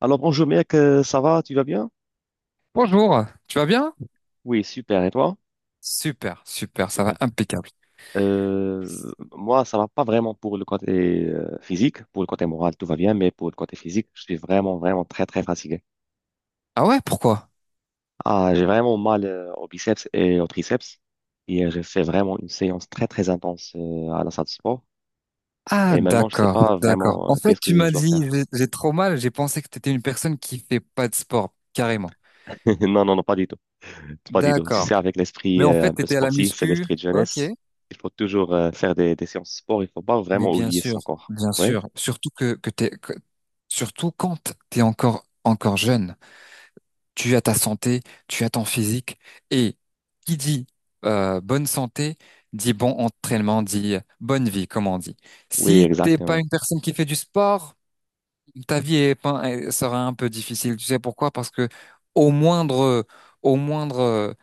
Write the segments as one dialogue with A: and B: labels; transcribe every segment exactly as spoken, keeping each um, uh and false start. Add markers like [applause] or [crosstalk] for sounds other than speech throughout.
A: Alors bonjour mec, euh, ça va, tu vas bien?
B: Bonjour, tu vas bien?
A: Oui, super, et toi?
B: Super, super, ça va
A: Super.
B: impeccable.
A: Euh, moi, ça va pas vraiment pour le côté euh, physique, pour le côté moral, tout va bien, mais pour le côté physique, je suis vraiment, vraiment très, très fatigué.
B: Ah ouais, pourquoi?
A: Ah, j'ai vraiment mal euh, aux biceps et aux triceps, et euh, j'ai fait vraiment une séance très, très intense euh, à la salle de sport,
B: Ah
A: et maintenant, je sais
B: d'accord,
A: pas
B: d'accord.
A: vraiment
B: En
A: euh,
B: fait,
A: qu'est-ce
B: tu
A: que
B: m'as
A: je dois
B: dit,
A: faire.
B: j'ai j'ai trop mal, j'ai pensé que t'étais une personne qui fait pas de sport, carrément.
A: [laughs] Non, non, non, pas du tout, pas du tout. Tu sais,
B: D'accord.
A: avec
B: Mais
A: l'esprit
B: en
A: euh,
B: fait,
A: un peu
B: t'étais à la
A: sportif et
B: muscu,
A: l'esprit de
B: ok.
A: jeunesse, il faut toujours euh, faire des, des séances de sport, il faut pas
B: Mais
A: vraiment
B: bien
A: oublier
B: sûr,
A: son corps.
B: bien
A: Ouais.
B: sûr, surtout que, que t'es, que- surtout quand t'es encore, encore jeune. Tu as ta santé, tu as ton physique. Et qui dit euh, bonne santé, dit bon entraînement, dit euh, bonne vie, comme on dit.
A: Oui,
B: Si t'es pas
A: exactement.
B: une personne qui fait du sport, ta vie est pas- elle sera un peu difficile. Tu sais pourquoi? Parce que au moindre, au moindre euh,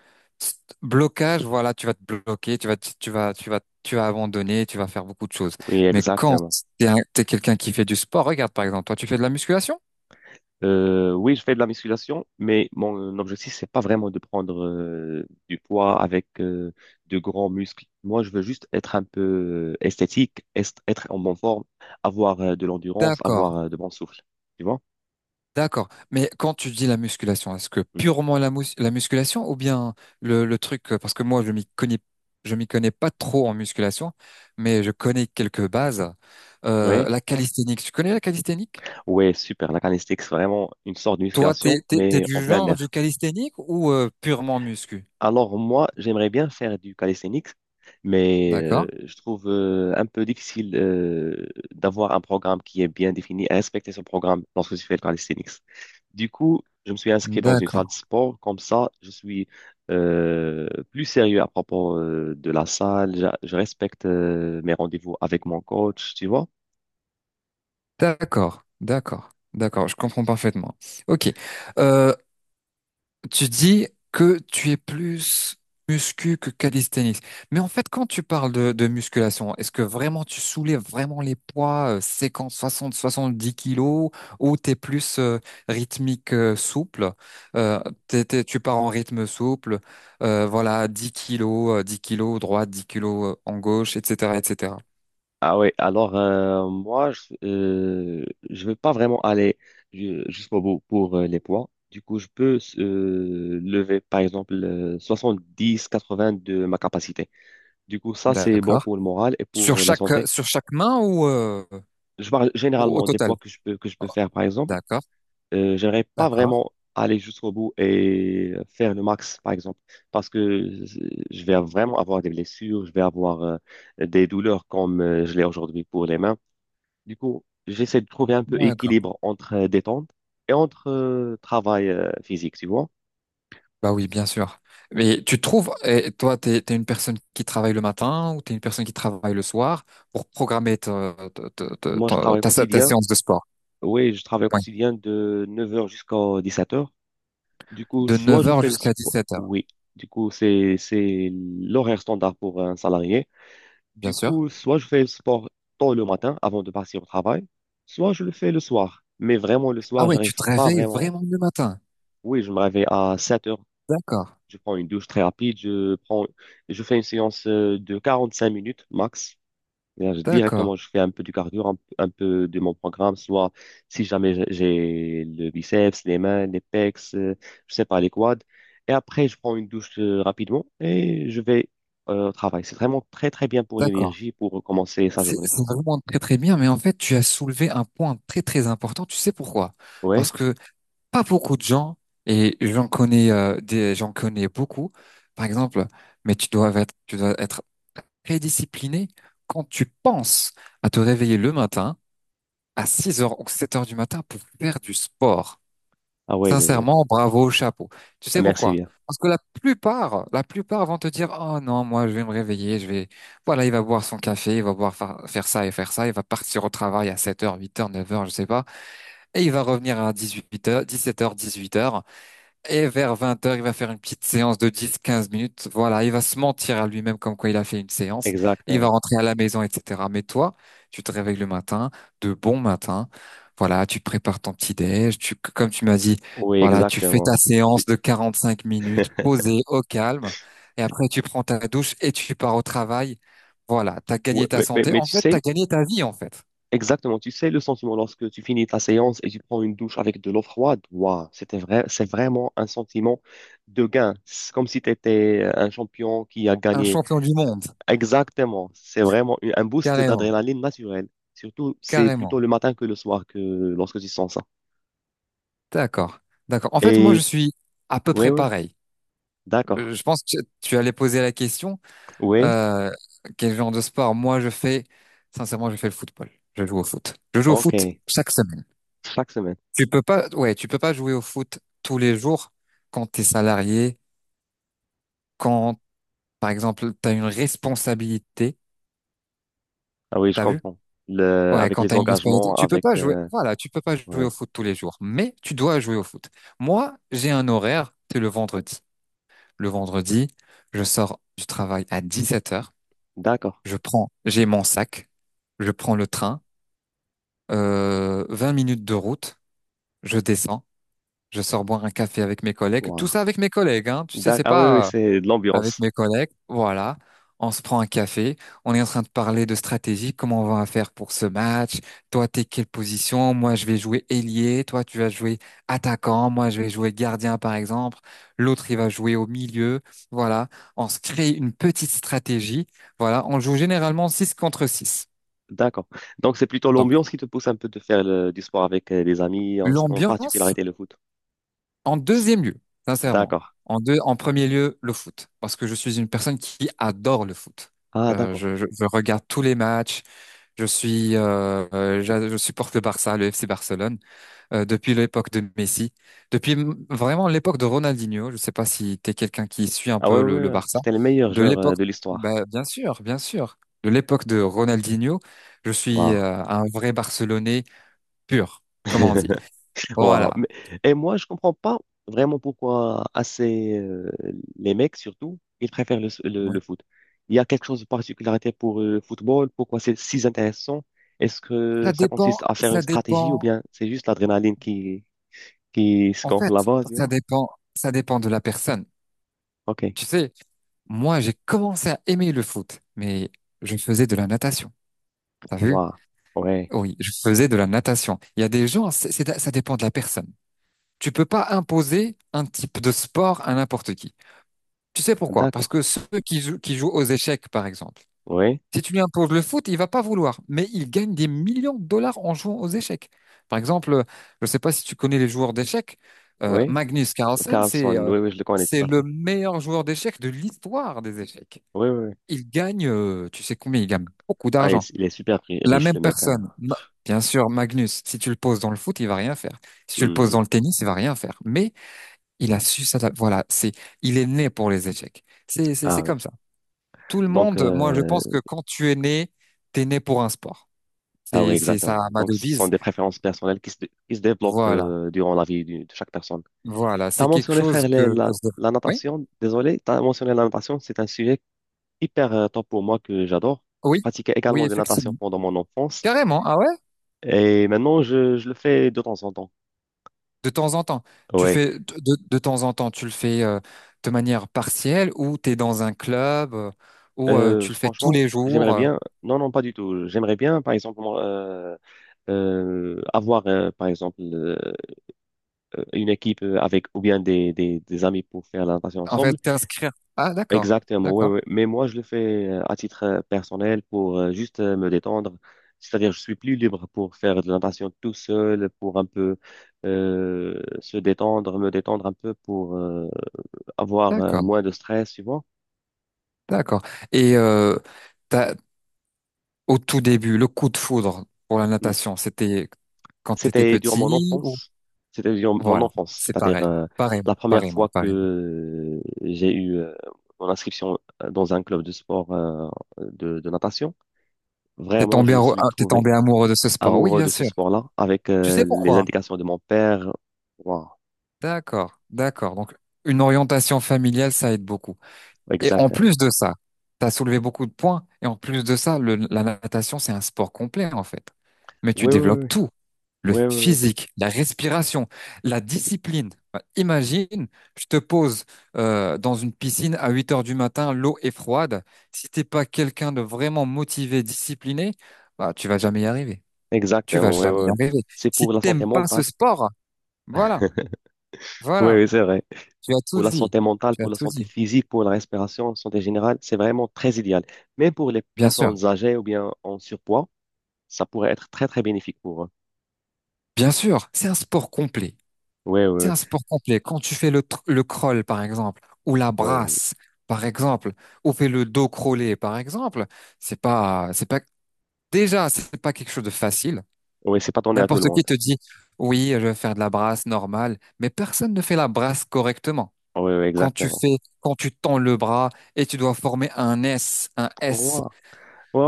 B: st- blocage, voilà, tu vas te bloquer, tu vas, te- tu vas, tu vas, tu vas abandonner, tu vas faire beaucoup de choses.
A: Oui,
B: Mais quand
A: exactement.
B: t'es un- t'es quelqu'un qui fait du sport, regarde par exemple, toi, tu fais de la musculation?
A: Euh, oui, je fais de la musculation, mais mon objectif, c'est pas vraiment de prendre euh, du poids avec euh, de grands muscles. Moi, je veux juste être un peu euh, esthétique, est- être en bonne forme, avoir euh, de l'endurance,
B: D'accord,
A: avoir euh, de bon souffle. Tu vois?
B: d'accord. Mais quand tu dis la musculation, est-ce que
A: Mm.
B: purement la, mus- la musculation ou bien le, le truc, euh, parce que moi je m'y connais, je m'y connais pas trop en musculation, mais je connais quelques bases.
A: Oui,
B: Euh, la calisthénique, tu connais la calisthénique?
A: ouais, super. La calisthenics, c'est vraiment une sorte de
B: Toi, t'es,
A: musculation,
B: t'es, t'es
A: mais en
B: du
A: plein
B: genre du
A: air.
B: calisthénique ou euh, purement muscu?
A: Alors moi, j'aimerais bien faire du calisthenics, mais
B: D'accord,
A: euh, je trouve euh, un peu difficile euh, d'avoir un programme qui est bien défini et respecter ce programme lorsque je fais le calisthenics. Du coup, je me suis inscrit dans une salle
B: d'accord,
A: de sport. Comme ça, je suis euh, plus sérieux à propos euh, de la salle. Je, je respecte euh, mes rendez-vous avec mon coach, tu vois.
B: d'accord, d'accord, d'accord. Je comprends parfaitement. Ok. Euh, Tu dis que tu es plus muscu que calisthenics. Mais en fait, quand tu parles de, de musculation, est-ce que vraiment tu soulèves vraiment les poids euh, cinquante, soixante, soixante-dix kilos ou t'es plus euh, rythmique euh, souple? Euh, t'es- t'es- tu pars en rythme souple, euh, voilà, dix kilos, euh, dix kilos droite, dix kilos euh, en gauche, et cetera, et cetera.
A: Ah oui, alors euh, moi, je euh, je vais pas vraiment aller ju- jusqu'au bout pour euh, les poids. Du coup, je peux euh, lever, par exemple, euh, soixante-dix, quatre-vingts de ma capacité. Du coup, ça, c'est bon
B: D'accord.
A: pour le moral et
B: Sur
A: pour euh, la
B: chaque,
A: santé.
B: sur chaque main ou, euh,
A: Je parle
B: au, au
A: généralement des
B: total?
A: poids que je peux, que je peux faire, par exemple.
B: D'accord,
A: Euh, j'aimerais pas
B: d'accord,
A: vraiment aller jusqu'au bout et euh, faire le max, par exemple, parce que euh, je vais vraiment avoir des blessures, je vais avoir euh, des douleurs comme euh, je l'ai aujourd'hui pour les mains. Du coup, j'essaie de trouver un peu
B: d'accord.
A: équilibre entre euh, détente et entre euh, travail euh, physique, tu vois.
B: Bah oui, bien sûr. Mais tu trouves, et toi, t'es, t'es une personne qui travaille le matin ou t'es une personne qui travaille le soir pour programmer ta, ta, ta, ta-
A: Moi, je
B: ta-
A: travaille au
B: ta sé- ta
A: quotidien.
B: séance de sport.
A: Oui, je travaille au
B: Oui.
A: quotidien de neuf heures jusqu'à dix-sept heures. Du coup,
B: De
A: soit
B: neuf
A: je
B: heures
A: fais le
B: jusqu'à
A: sport.
B: dix-sept heures,
A: Oui, du coup, c'est c'est l'horaire standard pour un salarié.
B: bien
A: Du
B: sûr.
A: coup, soit je fais le sport tôt le matin avant de partir au travail, soit je le fais le soir. Mais vraiment, le
B: Ah
A: soir,
B: ouais, tu
A: j'arrive
B: te
A: pas
B: réveilles
A: vraiment.
B: vraiment le matin.
A: Oui, je me réveille à sept h.
B: D'accord,
A: Je prends une douche très rapide. Je prends, je fais une séance euh, de cinq minutes max. Et là, je-
B: d'accord,
A: directement, je fais un peu du cardio, un, un peu de mon programme, soit si jamais j'ai j'ai le biceps, les mains, les pecs, euh, je sais pas, les quads. Et après, je prends une douche euh, rapidement et je vais euh, au travail. C'est vraiment très, très bien pour
B: d'accord.
A: l'énergie, pour commencer sa
B: C'est
A: journée.
B: c'est vraiment très très bien, mais en fait, tu as soulevé un point très très important. Tu sais pourquoi? Parce
A: Ouais?
B: que pas beaucoup de gens, et j'en connais euh, des, j'en connais beaucoup, par exemple, mais tu dois être, tu dois être très discipliné quand tu penses à te réveiller le matin à six heures ou sept heures du matin pour faire du sport.
A: Ah ouais, ouais, ouais.
B: Sincèrement, bravo, chapeau. Tu
A: Ah,
B: sais
A: merci
B: pourquoi?
A: bien.
B: Parce que la plupart, la plupart vont te dire, oh non, moi, je vais me réveiller, je vais, voilà, il va boire son café, il va boire fa- faire ça et faire ça, il va partir au travail à sept heures, huit heures, neuf heures, je sais pas, et il va revenir à dix-huit heures, dix-sept heures, dix-huit heures. Et vers vingt heures, il va faire une petite séance de dix quinze minutes. Voilà, il va se mentir à lui-même comme quoi il a fait une séance. Il va
A: Exactement.
B: rentrer à la maison, et cetera. Mais toi, tu te réveilles le matin, de bon matin. Voilà, tu prépares ton petit déj. Tu, comme tu m'as dit,
A: Oui,
B: voilà, tu fais ta
A: exactement.
B: séance de quarante-cinq minutes,
A: [laughs]
B: posée au calme. Et après, tu prends ta douche et tu pars au travail. Voilà, t'as
A: Ouais,
B: gagné ta
A: mais, mais
B: santé.
A: mais
B: En
A: tu
B: fait, t'as
A: sais,
B: gagné ta vie, en fait.
A: exactement, tu sais le sentiment lorsque tu finis ta séance et tu prends une douche avec de l'eau froide, waouh, c'était vrai, c'est vraiment un sentiment de gain. C'est comme si tu étais un champion qui a
B: Un
A: gagné.
B: champion du monde.
A: Exactement, c'est vraiment une- un boost
B: Carrément,
A: d'adrénaline naturelle. Surtout, c'est plutôt
B: carrément.
A: le matin que le soir que lorsque tu sens ça.
B: D'accord, d'accord. En fait, moi, je
A: Et
B: suis à peu
A: oui,
B: près
A: oui,
B: pareil.
A: d'accord.
B: Euh, Je pense que tu allais poser la question,
A: Oui,
B: euh, quel genre de sport? Moi, je fais, sincèrement, je fais le football. Je joue au foot. Je joue au foot
A: ok,
B: chaque semaine.
A: chaque semaine.
B: Tu peux pas, ouais, tu peux pas jouer au foot tous les jours quand t'es salarié, quand, par exemple, t'as une responsabilité.
A: Ah oui, je
B: T'as vu?
A: comprends. Le,
B: Ouais,
A: avec
B: quand
A: les
B: t'as une responsabilité.
A: engagements,
B: Tu peux
A: avec...
B: pas jouer,
A: euh,
B: voilà, tu peux pas jouer au
A: ouais,
B: foot tous les jours, mais tu dois jouer au foot. Moi, j'ai un horaire, c'est le vendredi. Le vendredi, je sors du travail à dix-sept heures.
A: d'accord.
B: Je prends, j'ai mon sac, je prends le train, euh, vingt minutes de route, je descends, je sors boire un café avec mes collègues, tout
A: Waouh.
B: ça avec mes collègues, hein, tu sais,
A: D'ac-
B: c'est
A: Ah oui, oui,
B: pas euh,
A: c'est de
B: avec
A: l'ambiance.
B: mes collègues, voilà. On se prend un café, on est en train de parler de stratégie, comment on va faire pour ce match, toi t'es quelle position, moi je vais jouer ailier, toi tu vas jouer attaquant, moi je vais jouer gardien par exemple, l'autre il va jouer au milieu, voilà. On se crée une petite stratégie, voilà. On joue généralement six contre six.
A: D'accord. Donc, c'est plutôt l'ambiance qui te pousse un peu de faire le- du sport avec euh, les amis, en, en
B: L'ambiance
A: particularité le foot.
B: en deuxième lieu, sincèrement.
A: D'accord.
B: En deux, en premier lieu, le foot, parce que je suis une personne qui adore le foot.
A: Ah,
B: Euh,
A: d'accord.
B: je, je- je regarde tous les matchs. Je suis, euh, euh, j'a- je, supporte le Barça, le F C Barcelone euh, depuis l'époque de Messi, depuis m- vraiment l'époque de Ronaldinho. Je sais pas si t'es quelqu'un qui suit un
A: Ah ouais,
B: peu le,
A: ouais,
B: le
A: ouais.
B: Barça.
A: C'était le meilleur
B: De
A: joueur euh,
B: l'époque,
A: de l'histoire.
B: bah, bien sûr, bien sûr. De l'époque de Ronaldinho, je suis
A: Waouh.
B: euh, un vrai Barcelonais pur, comme on dit.
A: [laughs] Waouh.
B: Voilà.
A: Mais- et moi, je comprends pas vraiment pourquoi assez euh, les mecs surtout, ils préfèrent le, le, le foot. Il y a quelque chose de particularité pour euh, le football, pourquoi c'est si intéressant? Est-ce que
B: Ça
A: ça
B: dépend,
A: consiste à faire une
B: ça
A: stratégie ou
B: dépend,
A: bien c'est juste l'adrénaline qui qui se
B: en
A: gonfle
B: fait,
A: là-bas, tu
B: ça
A: vois?
B: dépend, ça dépend de la personne.
A: Ok.
B: Tu sais, moi, j'ai commencé à aimer le foot, mais je faisais de la natation. T'as vu?
A: Waouh, ouais,
B: Oui, je faisais de la natation. Il y a des gens, c'est, c'est- ça dépend de la personne. Tu peux pas imposer un type de sport à n'importe qui. Tu sais pourquoi? Parce
A: d'accord,
B: que ceux qui jouent, qui jouent aux échecs, par exemple,
A: oui,
B: si tu lui imposes le foot, il va pas vouloir, mais il gagne des millions de dollars en jouant aux échecs. Par exemple, euh, je ne sais pas si tu connais les joueurs d'échecs, euh,
A: oui,
B: Magnus Carlsen, c'est
A: Carlson,
B: euh,
A: oui, oui, je le connais tout
B: c'est
A: à
B: le
A: fait,
B: meilleur joueur d'échecs de l'histoire des échecs.
A: oui, oui, oui.
B: Il gagne, euh, tu sais combien, il gagne beaucoup
A: Ah, il,
B: d'argent.
A: est il est super ri-
B: La
A: riche,
B: même
A: le mec, hein.
B: personne, Ma- bien sûr, Magnus, si tu le poses dans le foot, il va rien faire. Si tu le poses dans
A: Hmm.
B: le tennis, il va rien faire. Mais il a su ça, voilà, c'est, il est né pour les échecs. C'est, c'est, c'est
A: Ah oui,
B: comme ça tout le
A: donc,
B: monde, moi, je
A: euh,
B: pense que quand tu es né, tu es né pour un sport.
A: ah oui,
B: C'est, c'est
A: exactement,
B: ça ma
A: donc ce sont
B: devise.
A: des préférences personnelles qui se, dé- qui se développent
B: Voilà,
A: euh, durant la vie du- de chaque personne.
B: voilà.
A: T'as
B: C'est quelque
A: mentionné,
B: chose
A: frère, les-
B: que,
A: la,
B: que je-
A: la
B: Oui,
A: natation, désolé, t'as mentionné la natation, c'est un sujet hyper euh, top pour moi que j'adore, je
B: oui,
A: pratiquais
B: oui,
A: également de la natation
B: effectivement.
A: pendant mon enfance,
B: Carrément, ah ouais?
A: et maintenant, je, je le fais de temps en temps,
B: De temps en temps. Tu
A: oui.
B: fais, de, de- de temps en temps, tu le fais euh, de manière partielle ou tu es dans un club euh, ou euh,
A: Euh,
B: tu le fais tous
A: franchement,
B: les
A: j'aimerais
B: jours. euh.
A: bien. Non, non, pas du tout. J'aimerais bien, par exemple, moi, euh, euh, avoir, euh, par exemple, euh, euh, une équipe euh, avec ou bien des, des, des amis pour faire la natation
B: en fait,
A: ensemble.
B: t'inscrire. Ah, d'accord,
A: Exactement, ouais,
B: d'accord,
A: ouais. Mais moi, je le fais euh, à titre euh, personnel pour euh, juste euh, me détendre. C'est-à-dire, je suis plus libre pour faire de la natation tout seul, pour un peu euh, se détendre, me détendre un peu pour euh, avoir euh,
B: d'accord,
A: moins de stress, tu vois.
B: d'accord. Et euh, au tout début, le coup de foudre pour la natation, c'était quand t'étais
A: C'était durant mon
B: petit ou?
A: enfance. C'était durant mon
B: Voilà,
A: enfance,
B: c'est
A: c'est-à-dire
B: pareil.
A: euh,
B: Pareil,
A: la première
B: pareillement,
A: fois
B: pareillement.
A: que j'ai eu euh, mon inscription euh, dans un club de sport euh, de, de natation.
B: T'es
A: Vraiment,
B: tombé,
A: je me
B: arou-
A: suis
B: ah, t'es
A: trouvé
B: tombé amoureux de ce sport. Oui,
A: amoureux
B: bien
A: de ce
B: sûr.
A: sport-là avec
B: Tu sais
A: euh, les
B: pourquoi?
A: indications de mon père. Wow,
B: D'accord, d'accord. Donc, une orientation familiale, ça aide beaucoup. Et en
A: exactement.
B: plus de ça, t'as soulevé beaucoup de points. Et en plus de ça, le- la natation, c'est un sport complet, en fait. Mais tu
A: Oui, oui,
B: développes
A: oui,
B: tout, le
A: oui, oui, oui.
B: physique, la respiration, la discipline. Bah, imagine, je te pose euh, dans une piscine à huit heures du matin, l'eau est froide. Si t'es pas quelqu'un de vraiment motivé, discipliné, bah, tu vas jamais y arriver. Tu vas
A: Exactement. Oui,
B: jamais y
A: oui. Oui.
B: arriver.
A: C'est
B: Si
A: pour la
B: t'aimes
A: santé
B: pas ce
A: mentale.
B: sport, voilà,
A: [laughs] Oui,
B: voilà,
A: oui, c'est vrai.
B: tu as tout
A: Pour la
B: dit.
A: santé mentale,
B: Tu as
A: pour la
B: tout
A: santé
B: dit.
A: physique, pour la respiration, santé générale, c'est vraiment très idéal. Même pour les
B: Bien sûr,
A: personnes âgées ou bien en surpoids, ça pourrait être très, très bénéfique pour eux.
B: bien sûr, c'est un sport complet.
A: Oui,
B: C'est
A: oui,
B: un sport complet. Quand tu fais le, tr- le crawl, par exemple, ou la
A: oui.
B: brasse, par exemple, ou fais le dos crawlé, par exemple, c'est pas, c'est pas, déjà, c'est pas quelque chose de facile.
A: Oui, c'est pas donné à tout le
B: N'importe qui
A: monde.
B: te dit, oui, je vais faire de la brasse normale, mais personne ne fait la brasse correctement.
A: Oui, oui,
B: Quand tu
A: exactement.
B: fais, quand tu tends le bras et tu dois former un S, un S
A: Wow.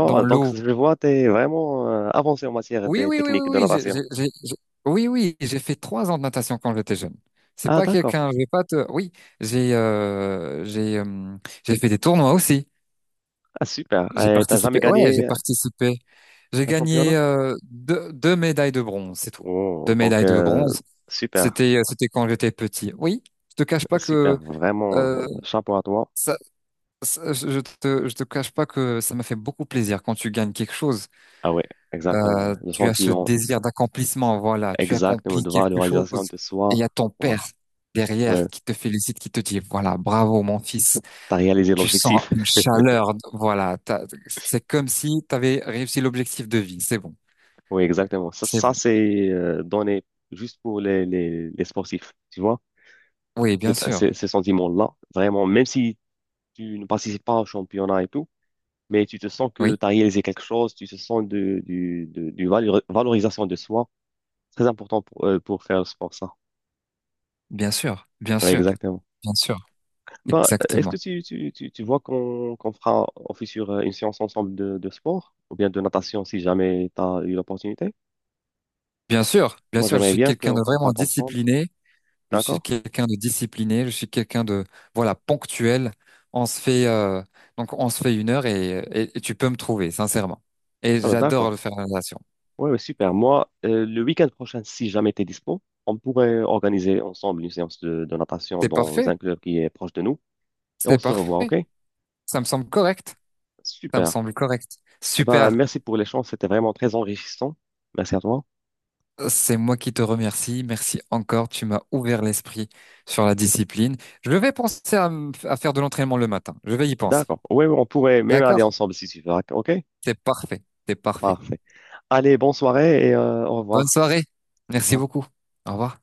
B: dans
A: donc,
B: l'eau.
A: je vois, tu es vraiment euh, avancé en matière
B: Oui,
A: des
B: oui, oui,
A: techniques de
B: oui, oui, j'ai,
A: natation.
B: j'ai- j'ai- j'ai- oui, oui, j'ai fait trois ans de natation quand j'étais jeune. C'est
A: Ah,
B: pas
A: d'accord.
B: quelqu'un, je vais pas te, oui, j'ai, euh, j'ai, euh, j'ai fait des tournois aussi.
A: Ah, super.
B: J'ai
A: Tu T'as
B: participé,
A: jamais
B: ouais, j'ai
A: gagné
B: participé. J'ai
A: un
B: gagné
A: championnat?
B: euh, deux, deux médailles de bronze, c'est tout.
A: Oh,
B: Deux
A: donc,
B: médailles de
A: euh,
B: bronze.
A: super,
B: C'était, euh, c'était quand j'étais petit. Oui, je te cache pas
A: super.
B: que
A: Vraiment,
B: euh,
A: euh, chapeau à toi.
B: ça, ça- je je te, je te cache pas que ça m'a fait beaucoup plaisir quand tu gagnes quelque chose.
A: Ah oui, exactement.
B: Euh,
A: Le
B: tu as ce
A: sentiment.
B: désir d'accomplissement, voilà, tu
A: Exactement,
B: accomplis
A: de voir la
B: quelque
A: réalisation
B: chose
A: de
B: et il y
A: soi.
B: a ton
A: Waouh,
B: père
A: ouais,
B: derrière qui te félicite, qui te dit, voilà, bravo mon fils,
A: t'as réalisé
B: tu sens
A: l'objectif.
B: une
A: [laughs]
B: chaleur, voilà, t'as- c'est comme si tu avais réussi l'objectif de vie, c'est bon,
A: Oui, exactement. Ça,
B: c'est bon.
A: ça c'est euh, donné juste pour les, les, les sportifs, tu vois.
B: Oui, bien
A: C'est- c'est-
B: sûr,
A: Ces sentiments-là, vraiment, même si tu ne participes pas au championnat et tout, mais tu te sens que
B: oui,
A: tu as réalisé quelque chose, tu te sens de, du, de, du valeur- valorisation de soi. Très important pour, euh, pour faire le sport, ça.
B: bien sûr, bien
A: Oui,
B: sûr,
A: exactement.
B: bien sûr,
A: Bah, euh, est-ce que
B: exactement.
A: tu, tu, tu, tu vois qu'on qu'on fera office sur euh, une séance ensemble de, de sport ou bien de natation si jamais tu as eu l'opportunité?
B: Bien sûr, bien
A: Moi,
B: sûr, je
A: j'aimerais
B: suis
A: bien
B: quelqu'un
A: qu'on
B: de
A: qu'on
B: vraiment
A: parte ensemble.
B: discipliné. Je suis
A: D'accord?
B: quelqu'un de discipliné, je suis quelqu'un de voilà ponctuel. On se fait euh, donc on se fait une heure et, et- et tu peux me trouver sincèrement. Et
A: Ah, bah,
B: j'adore
A: d'accord.
B: le faire la natation.
A: Ouais, ouais, super. Moi, euh, le week-end prochain, si jamais tu es dispo, on pourrait organiser ensemble une séance de, de natation
B: C'est
A: dans
B: parfait,
A: un club qui est proche de nous et on
B: c'est
A: se revoit, OK?
B: parfait. Ça me semble correct, ça
A: Super.
B: me semble correct.
A: Ah, bah,
B: Super.
A: merci pour l'échange. C'était vraiment très enrichissant. Merci à toi.
B: C'est moi qui te remercie. Merci encore. Tu m'as ouvert l'esprit sur la discipline. Je vais penser à, me- à faire de l'entraînement le matin. Je vais y penser.
A: D'accord. Oui, on pourrait même aller
B: D'accord?
A: ensemble si tu veux. OK?
B: C'est parfait, c'est parfait.
A: Parfait. Allez, bonne soirée et euh, au
B: Bonne
A: revoir.
B: soirée.
A: Au
B: Merci
A: revoir.
B: beaucoup. Au revoir.